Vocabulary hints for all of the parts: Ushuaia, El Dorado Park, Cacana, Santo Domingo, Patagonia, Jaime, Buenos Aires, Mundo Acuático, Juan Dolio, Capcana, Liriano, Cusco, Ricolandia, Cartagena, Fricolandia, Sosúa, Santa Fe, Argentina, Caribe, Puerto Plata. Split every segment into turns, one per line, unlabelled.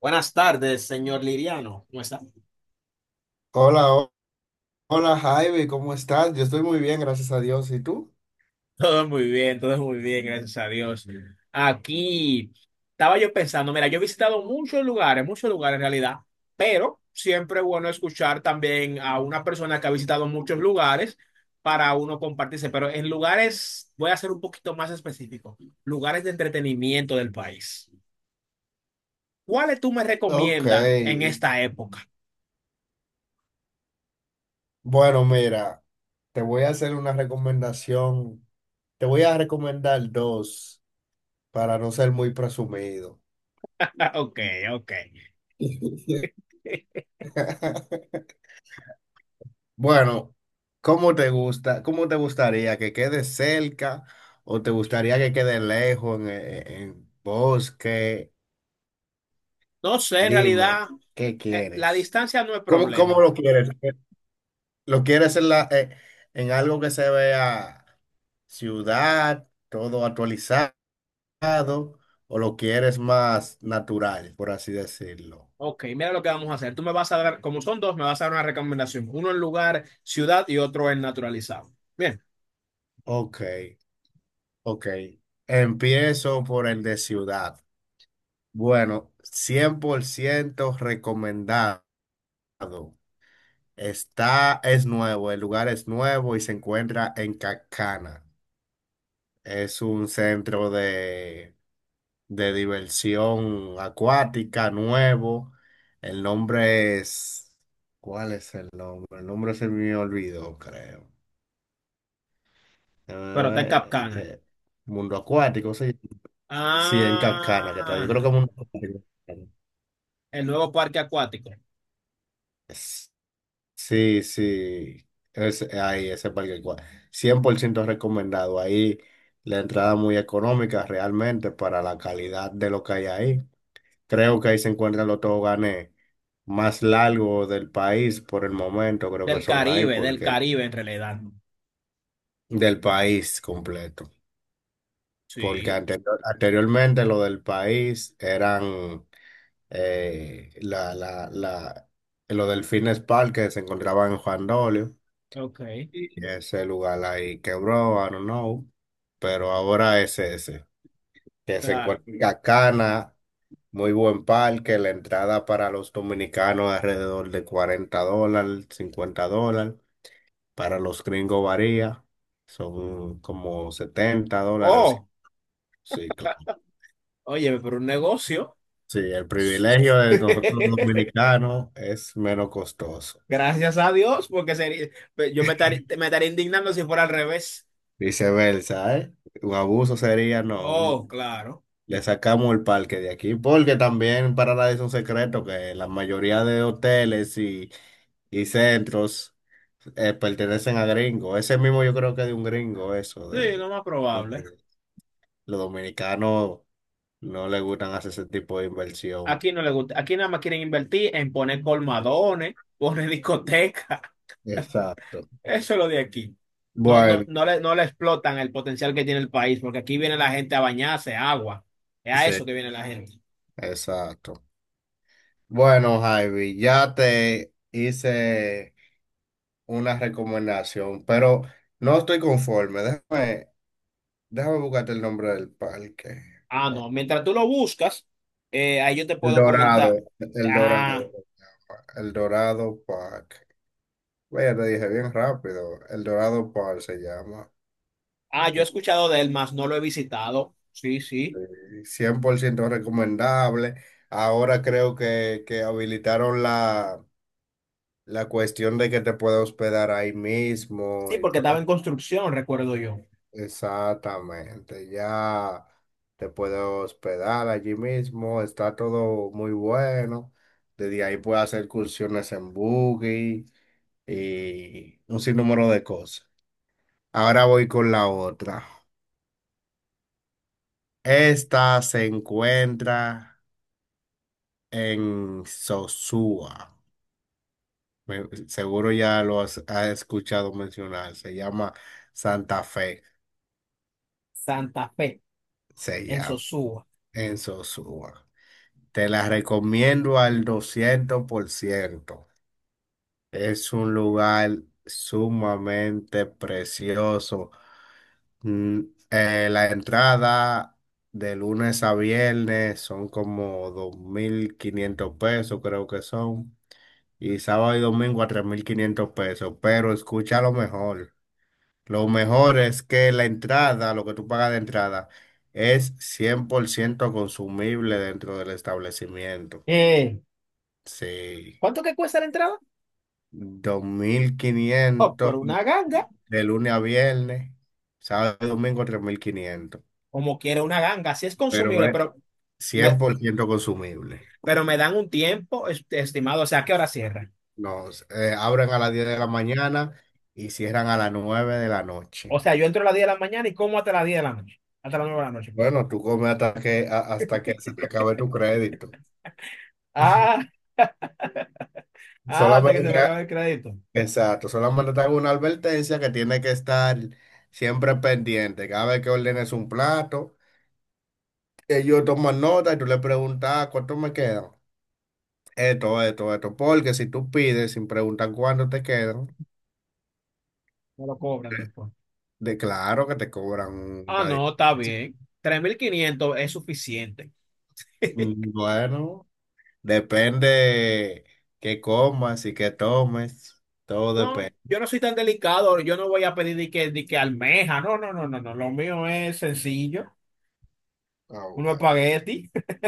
Buenas tardes, señor Liriano. ¿Cómo está?
Hola, ho- Hola, Jaime, ¿cómo estás? Yo estoy muy bien, gracias a Dios. ¿Y tú?
Todo muy bien, gracias a Dios. Aquí estaba yo pensando, mira, yo he visitado muchos lugares en realidad, pero siempre es bueno escuchar también a una persona que ha visitado muchos lugares para uno compartirse, pero en lugares, voy a ser un poquito más específico, lugares de entretenimiento del país. ¿Cuáles tú me
Ok.
recomiendas en esta época?
Bueno, mira, te voy a hacer una recomendación. Te voy a recomendar dos para no ser muy presumido.
Ah, ok, ok.
Bueno, ¿cómo te gusta? ¿Cómo te gustaría? ¿Que quede cerca o te gustaría que quede lejos en, en bosque?
No sé, en realidad,
Dime, ¿qué
la
quieres?
distancia no es
¿Cómo
problema.
lo quieres? ¿Lo quieres en la, en algo que se vea? Ciudad, todo actualizado, o lo quieres más natural, por así decirlo.
Ok, mira lo que vamos a hacer. Tú me vas a dar, como son dos, me vas a dar una recomendación. Uno en lugar, ciudad y otro en naturalizado. Bien,
Ok, ok. Empiezo por el de ciudad. Bueno, 100% recomendado. Está, es nuevo, el lugar es nuevo y se encuentra en Cacana. Es un centro de diversión acuática, nuevo. El nombre es... ¿Cuál es el nombre? El nombre se me olvidó, creo.
pero está en
Eh,
Capcana.
eh, Mundo Acuático, sí. Sí, en Cancana, que está. Yo
Ah,
creo que Mundo Acuático.
el nuevo parque acuático.
Es- Sí, sí. Es, ahí, 100% recomendado. Ahí la entrada muy económica realmente para la calidad de lo que hay ahí. Creo que ahí se encuentran los toboganes más largos del país por el momento, creo que son ahí
Del
porque
Caribe en realidad.
del país completo, porque
Sí,
anteriormente lo del país eran eh, la, la, la, los delfines park que se encontraban en Juan Dolio
ok,
y ese lugar ahí quebró, I don't know, pero ahora es ese, que se
claro.
encuentra en Cacana. Muy buen parque, la entrada para los dominicanos alrededor de $40, $50, para los gringos varía, son como $70. Sí,
Oh,
sí, claro.
oye, pero un negocio.
Sí, el privilegio de nosotros los dominicanos es menos costoso.
Gracias a Dios, porque sería, yo me estaría indignando si fuera al revés.
Viceversa, ¿eh? Un abuso sería, no,
Oh, claro.
le sacamos el parque de aquí, porque también para nadie es un secreto que la mayoría de hoteles y centros pertenecen a gringos. Ese mismo yo creo que es de un gringo, eso.
Sí, lo más probable.
Los dominicanos no les gustan hacer ese tipo de inversión.
Aquí no le gusta. Aquí nada más quieren invertir en poner colmadones, poner discotecas.
Exacto.
Eso es lo de aquí. No, no,
Bueno,
no le explotan el potencial que tiene el país, porque aquí viene la gente a bañarse, agua. Es a
sí,
eso que viene la gente.
exacto. Bueno, Javi, ya te hice una recomendación, pero no estoy conforme. Déjame, déjame buscarte el nombre del parque.
Ah, no. Mientras tú lo buscas, ahí yo te
El
puedo comentar.
Dorado, el Dorado,
Ah,
el Dorado Park. Vaya, te dije bien rápido. El Dorado Par se llama.
ah, yo he escuchado de él, más no lo he visitado. Sí, sí.
Este, 100% recomendable. Ahora creo que, habilitaron la, la cuestión de que te puedes hospedar ahí mismo
Sí,
y
porque estaba
todo.
en construcción, recuerdo yo.
Exactamente. Ya te puedes hospedar allí mismo. Está todo muy bueno. Desde ahí puedes hacer excursiones en buggy y un sinnúmero de cosas. Ahora voy con la otra. Esta se encuentra en Sosúa. Seguro ya lo has, has escuchado mencionar. Se llama Santa Fe.
Santa Fe,
Se
en
llama
Sosúa.
en Sosúa. Te la recomiendo al 200%. Es un lugar sumamente precioso. Mm, la entrada de lunes a viernes son como 2,500 pesos, creo que son. Y sábado y domingo a 3,500 pesos, pero escucha lo mejor. Lo mejor es que la entrada, lo que tú pagas de entrada, es 100% consumible dentro del establecimiento.
Eh,
Sí,
¿Cuánto que cuesta la entrada?
dos mil
Oh,
quinientos
pero una ganga.
de lunes a viernes, sábado y domingo 3,500,
Como quiera una ganga. Sí es
pero
consumible,
es
pero me,
100% consumible.
pero me dan un tiempo estimado. O sea, ¿a qué hora cierra?
Nos abren a las 10 de la mañana y cierran a las 9 de la
O
noche.
sea, yo entro a las 10 de la mañana y como hasta las 10 de la noche. Hasta las 9 de la noche, perdón.
Bueno, tú comes hasta que, hasta que se te acabe tu crédito.
Ah, ah, hasta que se
Solamente,
me acabe el crédito.
exacto, solamente te hago una advertencia que tiene que estar siempre pendiente. Cada vez que ordenes un plato, ellos toman nota y tú le preguntas, "Ah, ¿cuánto me quedan? Esto, esto, esto." Porque si tú pides sin preguntar cuánto te quedan,
Me lo cobran después.
de claro que te cobran
Ah,
una
no, está
diferencia.
bien. 3,500 es suficiente.
Bueno, depende qué comas y qué tomes, todo
No,
depende.
yo no soy tan delicado. Yo no voy a pedir de que almeja. No, no, no, no, no. Lo mío es sencillo.
Ah,
Uno
bueno.
espagueti.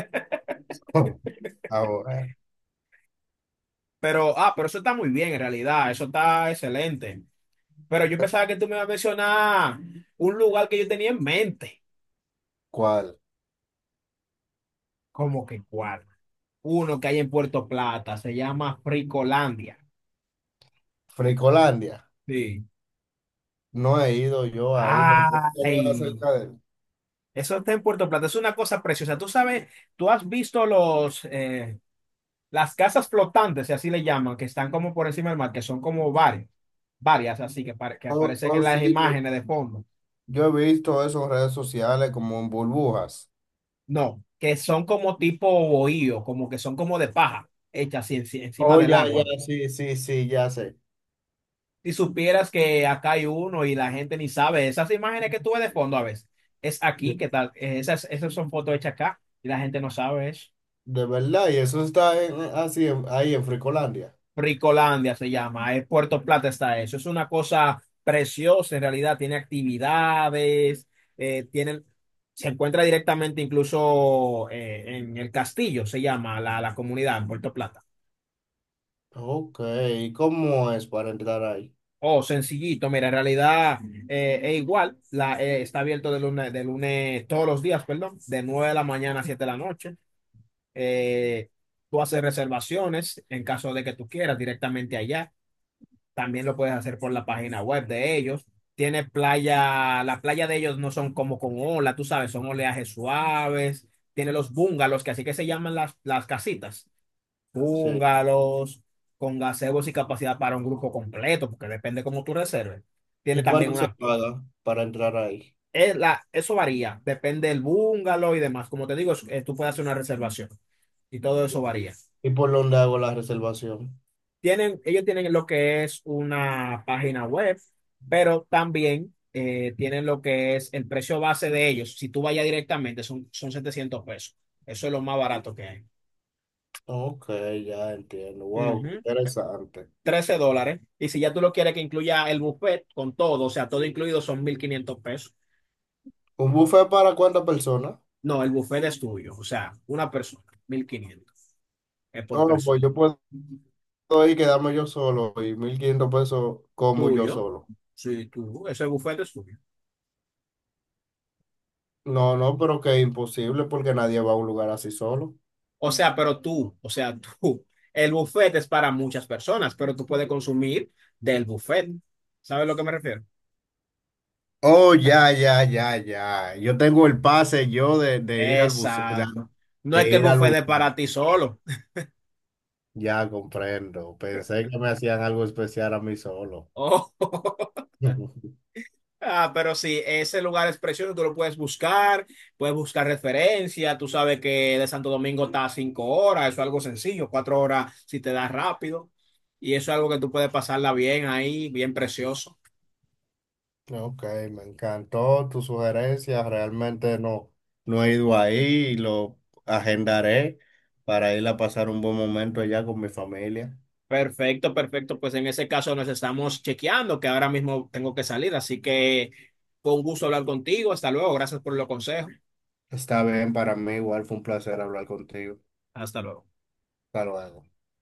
Ah, bueno.
Pero eso está muy bien en realidad. Eso está excelente. Pero yo pensaba que tú me ibas a mencionar un lugar que yo tenía en mente.
¿Cuál?
¿Cómo que cuál? Uno que hay en Puerto Plata, se llama Fricolandia.
Fricolandia.
Sí.
No he ido yo ahí, me puedo hablar
Ay,
acerca de él.
eso está en Puerto Plata, es una cosa preciosa. Tú sabes, tú has visto las casas flotantes, si así le llaman, que están como por encima del mar, que son como varias así que, que
Oh,
aparecen
oh,
en las
sí, yo,
imágenes de fondo.
yo he visto eso en redes sociales como en burbujas.
No, que son como tipo bohío, como que son como de paja, hechas así encima
Oh,
del
ya, ya,
agua.
sí, sí, sí, ya sé.
Si supieras que acá hay uno y la gente ni sabe, esas imágenes que tú ves de fondo a veces, es aquí,
Sí.
¿qué tal? Esas son fotos hechas acá y la gente no sabe eso.
De verdad, y eso está así ahí en Fricolandia.
Ricolandia se llama, es Puerto Plata está eso, es una cosa preciosa en realidad, tiene actividades, eh, tienen, se encuentra directamente incluso en el castillo, se llama la comunidad en Puerto Plata.
Ok, ¿y cómo es para entrar ahí?
Oh, sencillito, mira, en realidad es igual, está abierto de lunes todos los días, perdón, de 9 de la mañana a 7 de la noche. Eh, tú haces reservaciones en caso de que tú quieras directamente allá. También lo puedes hacer por la página web de ellos. Tiene playa, la playa de ellos no son como con ola, tú sabes, son oleajes suaves. Tiene los bungalows, que así que se llaman las casitas
Sí.
húngaros, con gazebos y capacidad para un grupo completo, porque depende cómo tú reserves. Tiene
¿Y
también
cuánto se paga para entrar ahí?
eso varía, depende del bungalow y demás. Como te digo, tú puedes hacer una reservación y todo eso varía.
¿Y por dónde hago la reservación?
Ellos tienen lo que es una página web, pero también tienen lo que es el precio base de ellos. Si tú vayas directamente, son 700 pesos. Eso es lo más barato que hay.
Ok, ya entiendo. Wow, qué
Ujú.
interesante.
13 dólares. Y si ya tú lo quieres que incluya el buffet con todo, o sea, todo incluido son 1,500 pesos.
¿Un buffet para cuántas personas?
No, el buffet es tuyo, o sea, una persona, 1,500 es por
No, no, pues
persona.
yo puedo ir y quedarme yo solo y 1,500 pesos como yo
Tuyo,
solo.
sí, tú, ese buffet es tuyo.
No, no, pero que es imposible porque nadie va a un lugar así solo.
O sea, pero tú, o sea, tú, el buffet es para muchas personas, pero tú puedes consumir del buffet. ¿Sabes a lo que me refiero?
Oh, ya, ya, ya, ya. Yo tengo el pase yo de,
Exacto. No es
de
que el
ir al
buffet es
buceo.
para ti solo.
Ya comprendo. Pensé que me hacían algo especial a mí solo.
Oh. Ah, pero sí, ese lugar es precioso, tú lo puedes buscar referencia, tú sabes que de Santo Domingo está a 5 horas, eso es algo sencillo, 4 horas si te das rápido, y eso es algo que tú puedes pasarla bien ahí, bien precioso.
Ok, me encantó tu sugerencia. Realmente no. No he ido ahí y lo agendaré para ir a pasar un buen momento allá con mi familia.
Perfecto, perfecto, pues en ese caso nos estamos chequeando, que ahora mismo tengo que salir, así que fue un gusto hablar contigo, hasta luego, gracias por los consejos,
Está bien, para mí igual fue un placer hablar contigo.
hasta luego.
Hasta luego.